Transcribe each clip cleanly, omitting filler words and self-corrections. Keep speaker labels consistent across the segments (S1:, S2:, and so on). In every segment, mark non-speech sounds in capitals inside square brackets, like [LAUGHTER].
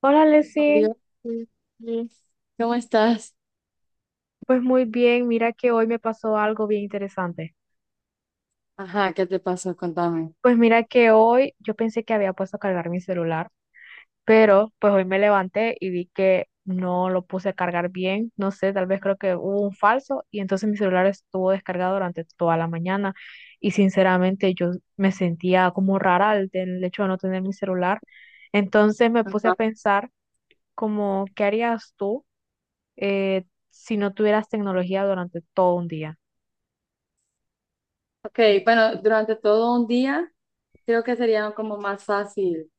S1: Hola,
S2: Oh,
S1: Leslie.
S2: Dios. Mm. ¿Cómo estás?
S1: Pues muy bien, mira que hoy me pasó algo bien interesante.
S2: Ajá, ¿qué te pasó? Contame.
S1: Pues mira que hoy yo pensé que había puesto a cargar mi celular, pero pues hoy me levanté y vi que no lo puse a cargar bien. No sé, tal vez creo que hubo un falso y entonces mi celular estuvo descargado durante toda la mañana y sinceramente yo me sentía como rara al del hecho de no tener mi celular. Entonces me puse a
S2: Ajá.
S1: pensar como, ¿qué harías tú eh, si no tuvieras tecnología durante todo un día?
S2: Ok, bueno, durante todo un día creo que sería como más fácil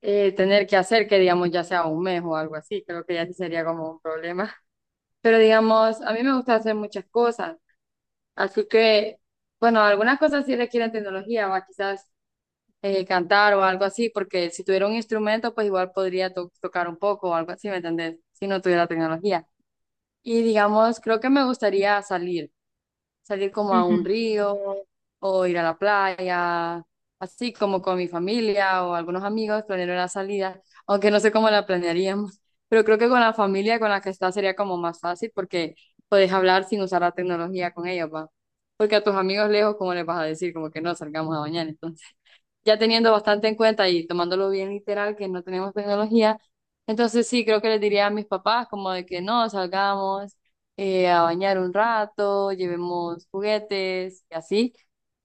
S2: tener que hacer que digamos ya sea un mes o algo así, creo que ya sí sería como un problema. [LAUGHS] Pero digamos, a mí me gusta hacer muchas cosas, así que, bueno, algunas cosas sí requieren tecnología, o quizás cantar o algo así, porque si tuviera un instrumento, pues igual podría tocar un poco o algo así, ¿me entendés? Si no tuviera tecnología. Y digamos, creo que me gustaría salir, salir como a
S1: Ujú,
S2: un río o ir a la playa, así como con mi familia o algunos amigos, planear una salida, aunque no sé cómo la planearíamos, [LAUGHS] pero creo que con la familia con la que estás sería como más fácil porque puedes hablar sin usar la tecnología con ellos, ¿va? Porque a tus amigos lejos, ¿cómo les vas a decir? Como que no salgamos a bañar, entonces ya teniendo bastante en cuenta y tomándolo bien literal que no tenemos tecnología, entonces sí, creo que les diría a mis papás como de que no, salgamos a bañar un rato, llevemos juguetes y así,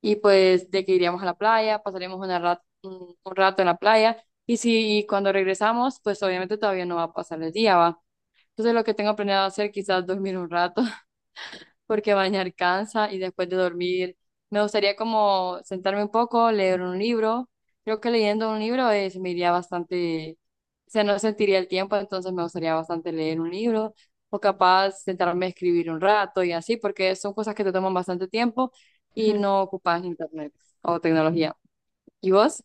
S2: y pues de que iríamos a la playa, pasaríamos una un, rato en la playa, y si cuando regresamos, pues obviamente todavía no va a pasar el día, ¿va? Entonces lo que tengo planeado hacer quizás dormir un rato porque bañar cansa y después de dormir me gustaría como sentarme un poco, leer un libro. Creo que leyendo un libro es, me iría bastante, o sea, no sentiría el tiempo, entonces me gustaría bastante leer un libro o capaz sentarme a escribir un rato y así, porque son cosas que te toman bastante tiempo y
S1: ujú.
S2: no ocupas internet o tecnología. ¿Y vos?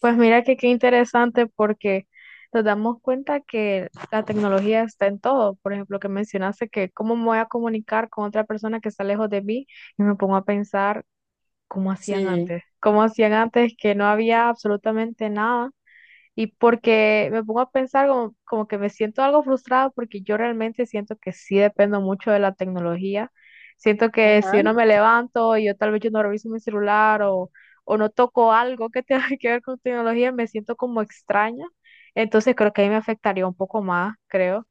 S1: Pues mira que qué interesante porque nos damos cuenta que la tecnología está en todo. Por ejemplo, que mencionaste que cómo me voy a comunicar con otra persona que está lejos de mí y me pongo a pensar
S2: Sí,
S1: cómo hacían antes que no había absolutamente nada. Y porque me pongo a pensar como, como que me siento algo frustrada porque yo realmente siento que sí dependo mucho de la tecnología. Siento que si
S2: ajá,
S1: yo no me levanto y yo tal vez yo no reviso mi celular o no toco algo que tenga [LAUGHS] que ver con tecnología, me siento como extraña. Entonces creo que ahí me afectaría un poco más, creo,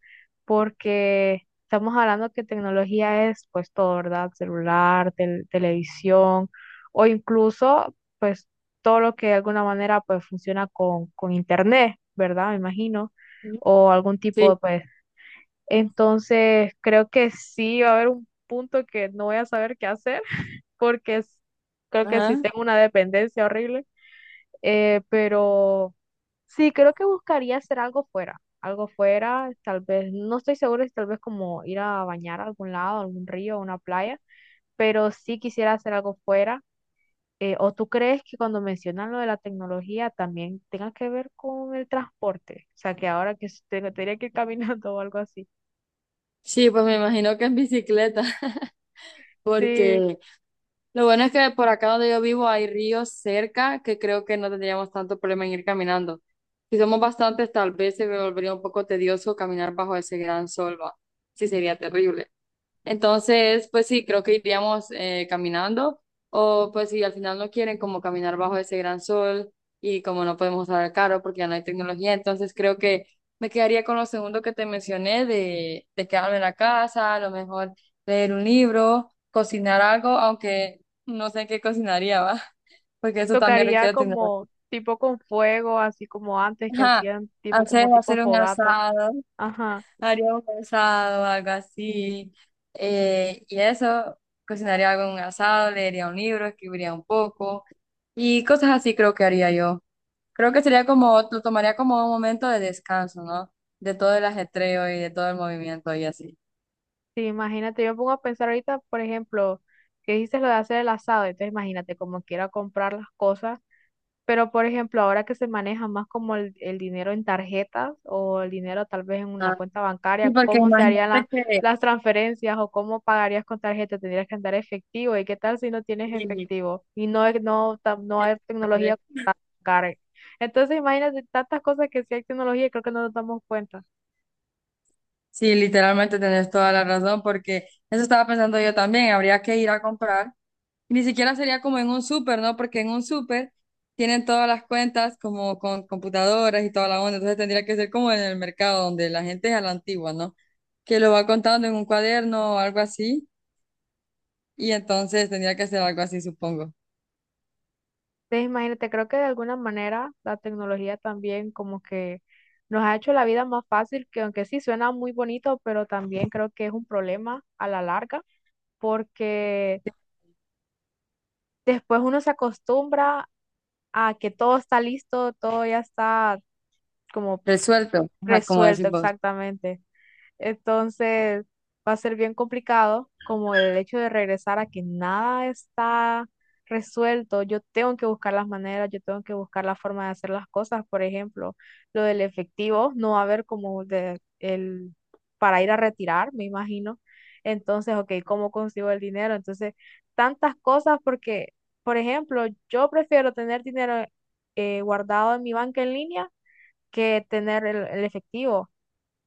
S1: porque estamos hablando que tecnología es pues todo, ¿verdad? Celular, televisión o incluso pues todo lo que de alguna manera pues funciona con internet, ¿verdad? Me imagino, o algún tipo de
S2: sí,
S1: pues. Entonces, creo que sí va a haber un punto que no voy a saber qué hacer, [LAUGHS] porque creo que sí
S2: ajá.
S1: tengo una dependencia horrible, pero sí, creo que buscaría hacer algo fuera, tal vez, no estoy segura si tal vez como ir a bañar a algún lado, a algún río, a una playa, pero sí quisiera hacer algo fuera ¿o tú crees que cuando mencionan lo de la tecnología también tenga que ver con el transporte? O sea, que ahora que tendría que ir caminando [LAUGHS] o algo así.
S2: Sí, pues me imagino que en bicicleta, [LAUGHS]
S1: Sí,
S2: porque lo bueno es que por acá donde yo vivo hay ríos cerca que creo que no tendríamos tanto problema en ir caminando. Si somos bastantes, tal vez se volvería un poco tedioso caminar bajo ese gran sol, va. Sí, sería terrible. Entonces, pues sí, creo que iríamos caminando o pues si al final no quieren como caminar bajo ese gran sol y como no podemos usar el carro porque ya no hay tecnología, entonces creo que me quedaría con lo segundo que te mencioné de quedarme en la casa, a lo mejor leer un libro, cocinar algo, aunque no sé qué cocinaría, ¿va? [LAUGHS] Porque eso también
S1: tocaría
S2: requiere tecnología.
S1: como tipo con fuego, así como antes que
S2: Ajá,
S1: hacían tipo como tipo
S2: hacer un
S1: fogata.
S2: asado.
S1: Ajá,
S2: Haría un asado, algo así. Y eso, cocinaría algo en un asado, leería un libro, escribiría un poco y cosas así creo que haría yo. Creo que sería como, lo tomaría como un momento de descanso, ¿no? De todo el ajetreo y de todo el movimiento y así.
S1: sí, imagínate, yo me pongo a pensar ahorita, por ejemplo, que dices lo de hacer el asado, entonces imagínate como quiera comprar las cosas. Pero, por ejemplo, ahora que se maneja más como el dinero en tarjetas o el dinero tal vez en una
S2: Ah,
S1: cuenta
S2: sí,
S1: bancaria,
S2: porque
S1: ¿cómo se harían
S2: imagínate que...
S1: las transferencias o cómo pagarías con tarjeta? ¿Tendrías que andar efectivo? ¿Y qué tal si no tienes
S2: sí,
S1: efectivo? Y no, no, no hay tecnología para pagar. Entonces, imagínate tantas cosas que sí hay tecnología y creo que no nos damos cuenta.
S2: sí, literalmente tenés toda la razón, porque eso estaba pensando yo también. Habría que ir a comprar. Ni siquiera sería como en un súper, ¿no? Porque en un súper tienen todas las cuentas como con computadoras y toda la onda. Entonces tendría que ser como en el mercado donde la gente es a la antigua, ¿no? Que lo va contando en un cuaderno o algo así. Y entonces tendría que ser algo así, supongo.
S1: Entonces, imagínate, creo que de alguna manera la tecnología también como que nos ha hecho la vida más fácil, que aunque sí suena muy bonito, pero también creo que es un problema a la larga porque después uno se acostumbra a que todo está listo, todo ya está como
S2: Resuelto, ajá, como
S1: resuelto
S2: decimos.
S1: exactamente. Entonces va a ser bien complicado como el hecho de regresar a que nada está resuelto. Yo tengo que buscar las maneras, yo tengo que buscar la forma de hacer las cosas. Por ejemplo, lo del efectivo no va a haber como de, el, para ir a retirar, me imagino. Entonces, ok, ¿cómo consigo el dinero? Entonces, tantas cosas porque, por ejemplo, yo prefiero tener dinero guardado en mi banca en línea que tener el efectivo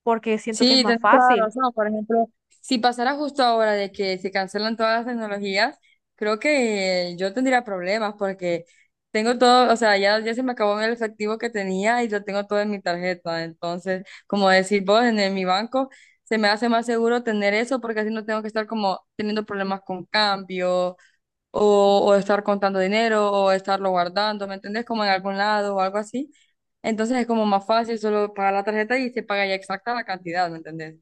S1: porque siento que es
S2: Sí,
S1: más
S2: tienes toda la
S1: fácil.
S2: razón. Por ejemplo, si pasara justo ahora de que se cancelan todas las tecnologías, creo que yo tendría problemas porque tengo todo, o sea, ya se me acabó el efectivo que tenía y lo tengo todo en mi tarjeta. Entonces, como decir vos, en, mi banco se me hace más seguro tener eso porque así no tengo que estar como teniendo problemas con cambio o estar contando dinero o estarlo guardando, ¿me entendés? Como en algún lado o algo así. Entonces es como más fácil solo pagar la tarjeta y se paga ya exacta la cantidad, ¿me entendés?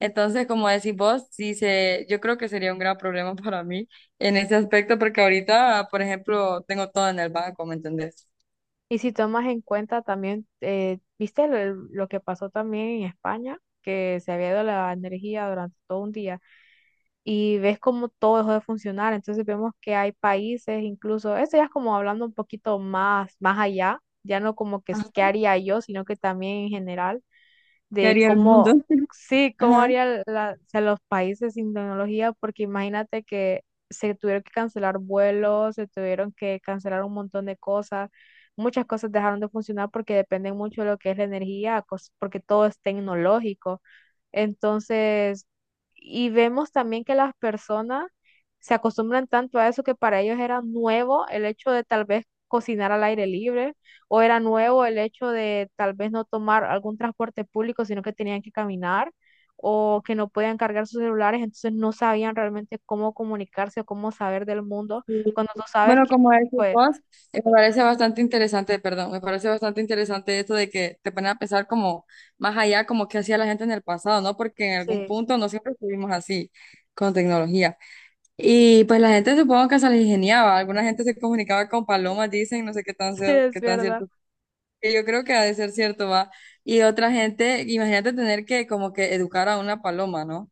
S2: Entonces, como decís vos, sí se, yo creo que sería un gran problema [LAUGHS] para mí en ese aspecto porque ahorita, por ejemplo, tengo todo en el banco, ¿me entendés?
S1: Y si tomas en cuenta también, viste lo que pasó también en España, que se había ido la energía durante todo un día y ves cómo todo dejó de funcionar. Entonces vemos que hay países, incluso, eso ya es como hablando un poquito más, más allá, ya no como que
S2: Ajá.
S1: qué haría yo, sino que también en general
S2: ¿Qué
S1: de
S2: haría el mundo?
S1: cómo,
S2: [LAUGHS]
S1: sí, cómo
S2: Ajá.
S1: harían o sea, los países sin tecnología, porque imagínate que se tuvieron que cancelar vuelos, se tuvieron que cancelar un montón de cosas, muchas cosas dejaron de funcionar porque dependen mucho de lo que es la energía, porque todo es tecnológico. Entonces, y vemos también que las personas se acostumbran tanto a eso que para ellos era nuevo el hecho de tal vez cocinar al aire libre o era nuevo el hecho de tal vez no tomar algún transporte público, sino que tenían que caminar o que no podían cargar sus celulares, entonces no sabían realmente cómo comunicarse o cómo saber del mundo
S2: Sí.
S1: cuando tú sabes
S2: Bueno,
S1: que,
S2: como decís
S1: pues,
S2: vos, me parece bastante interesante, perdón, me parece bastante interesante esto de que te ponen a pensar como más allá, como qué hacía la gente en el pasado, ¿no? Porque en algún
S1: sí,
S2: punto no siempre estuvimos así con tecnología. Y pues la gente supongo que se les ingeniaba, alguna gente se comunicaba con palomas, dicen, no sé qué
S1: [LAUGHS]
S2: tan,
S1: sí, es
S2: qué tan
S1: verdad.
S2: cierto. Que yo creo que ha de ser cierto, va. Y otra gente, imagínate tener que como que educar a una paloma, ¿no?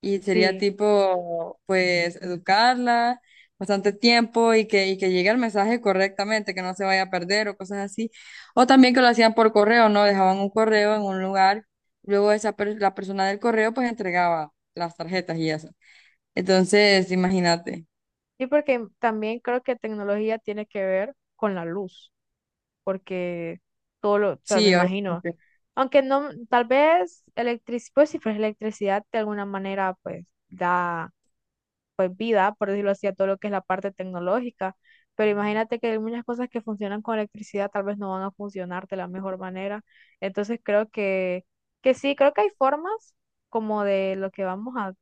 S2: Y sería
S1: Sí,
S2: tipo, pues, educarla bastante tiempo y que llegue el mensaje correctamente, que no se vaya a perder o cosas así. O también que lo hacían por correo, ¿no? Dejaban un correo en un lugar, luego esa la persona del correo pues entregaba las tarjetas y eso. Entonces, imagínate.
S1: sí, porque también creo que tecnología tiene que ver con la luz, porque todo lo, o sea, me
S2: Sí,
S1: imagino.
S2: obviamente.
S1: Aunque no, tal vez electricidad, pues si fuese electricidad de alguna manera, pues da pues vida, por decirlo así, a todo lo que es la parte tecnológica. Pero imagínate que hay muchas cosas que funcionan con electricidad, tal vez no van a funcionar de la mejor manera. Entonces creo que sí, creo que hay formas como de lo que vamos a,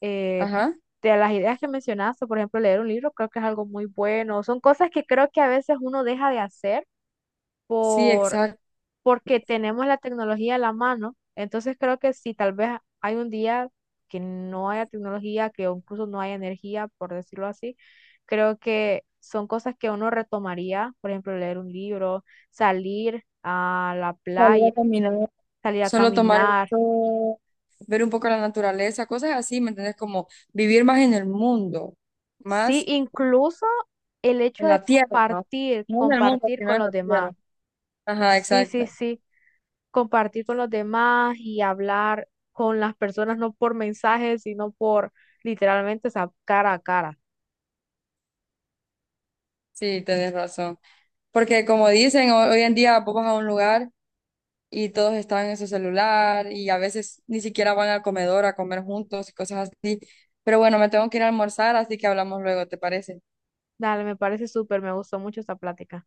S1: eh,
S2: Ajá.
S1: de las ideas que mencionaste, por ejemplo, leer un libro, creo que es algo muy bueno. Son cosas que creo que a veces uno deja de hacer
S2: Sí,
S1: por
S2: exacto.
S1: porque tenemos la tecnología a la mano. Entonces creo que si tal vez hay un día que no haya tecnología, que incluso no haya energía, por decirlo así, creo que son cosas que uno retomaría, por ejemplo, leer un libro, salir a la
S2: Salir
S1: playa,
S2: a caminar.
S1: salir a
S2: Solo tomar el
S1: caminar,
S2: sol, ver un poco la naturaleza, cosas así, ¿me entiendes? Como vivir más en el mundo,
S1: sí,
S2: más
S1: incluso el hecho
S2: en
S1: de
S2: la tierra, ¿no?
S1: compartir,
S2: No en el mundo,
S1: compartir
S2: sino
S1: con
S2: en
S1: los
S2: la
S1: demás.
S2: tierra. Ajá,
S1: Sí, sí,
S2: exacto.
S1: sí, compartir con los demás y hablar con las personas, no por mensajes, sino por literalmente esa cara a cara.
S2: Sí, tenés razón. Porque como dicen, hoy en día vos vas a un lugar y todos están en su celular y a veces ni siquiera van al comedor a comer juntos y cosas así. Pero bueno, me tengo que ir a almorzar, así que hablamos luego, ¿te parece?
S1: Dale, me parece súper, me gustó mucho esta plática.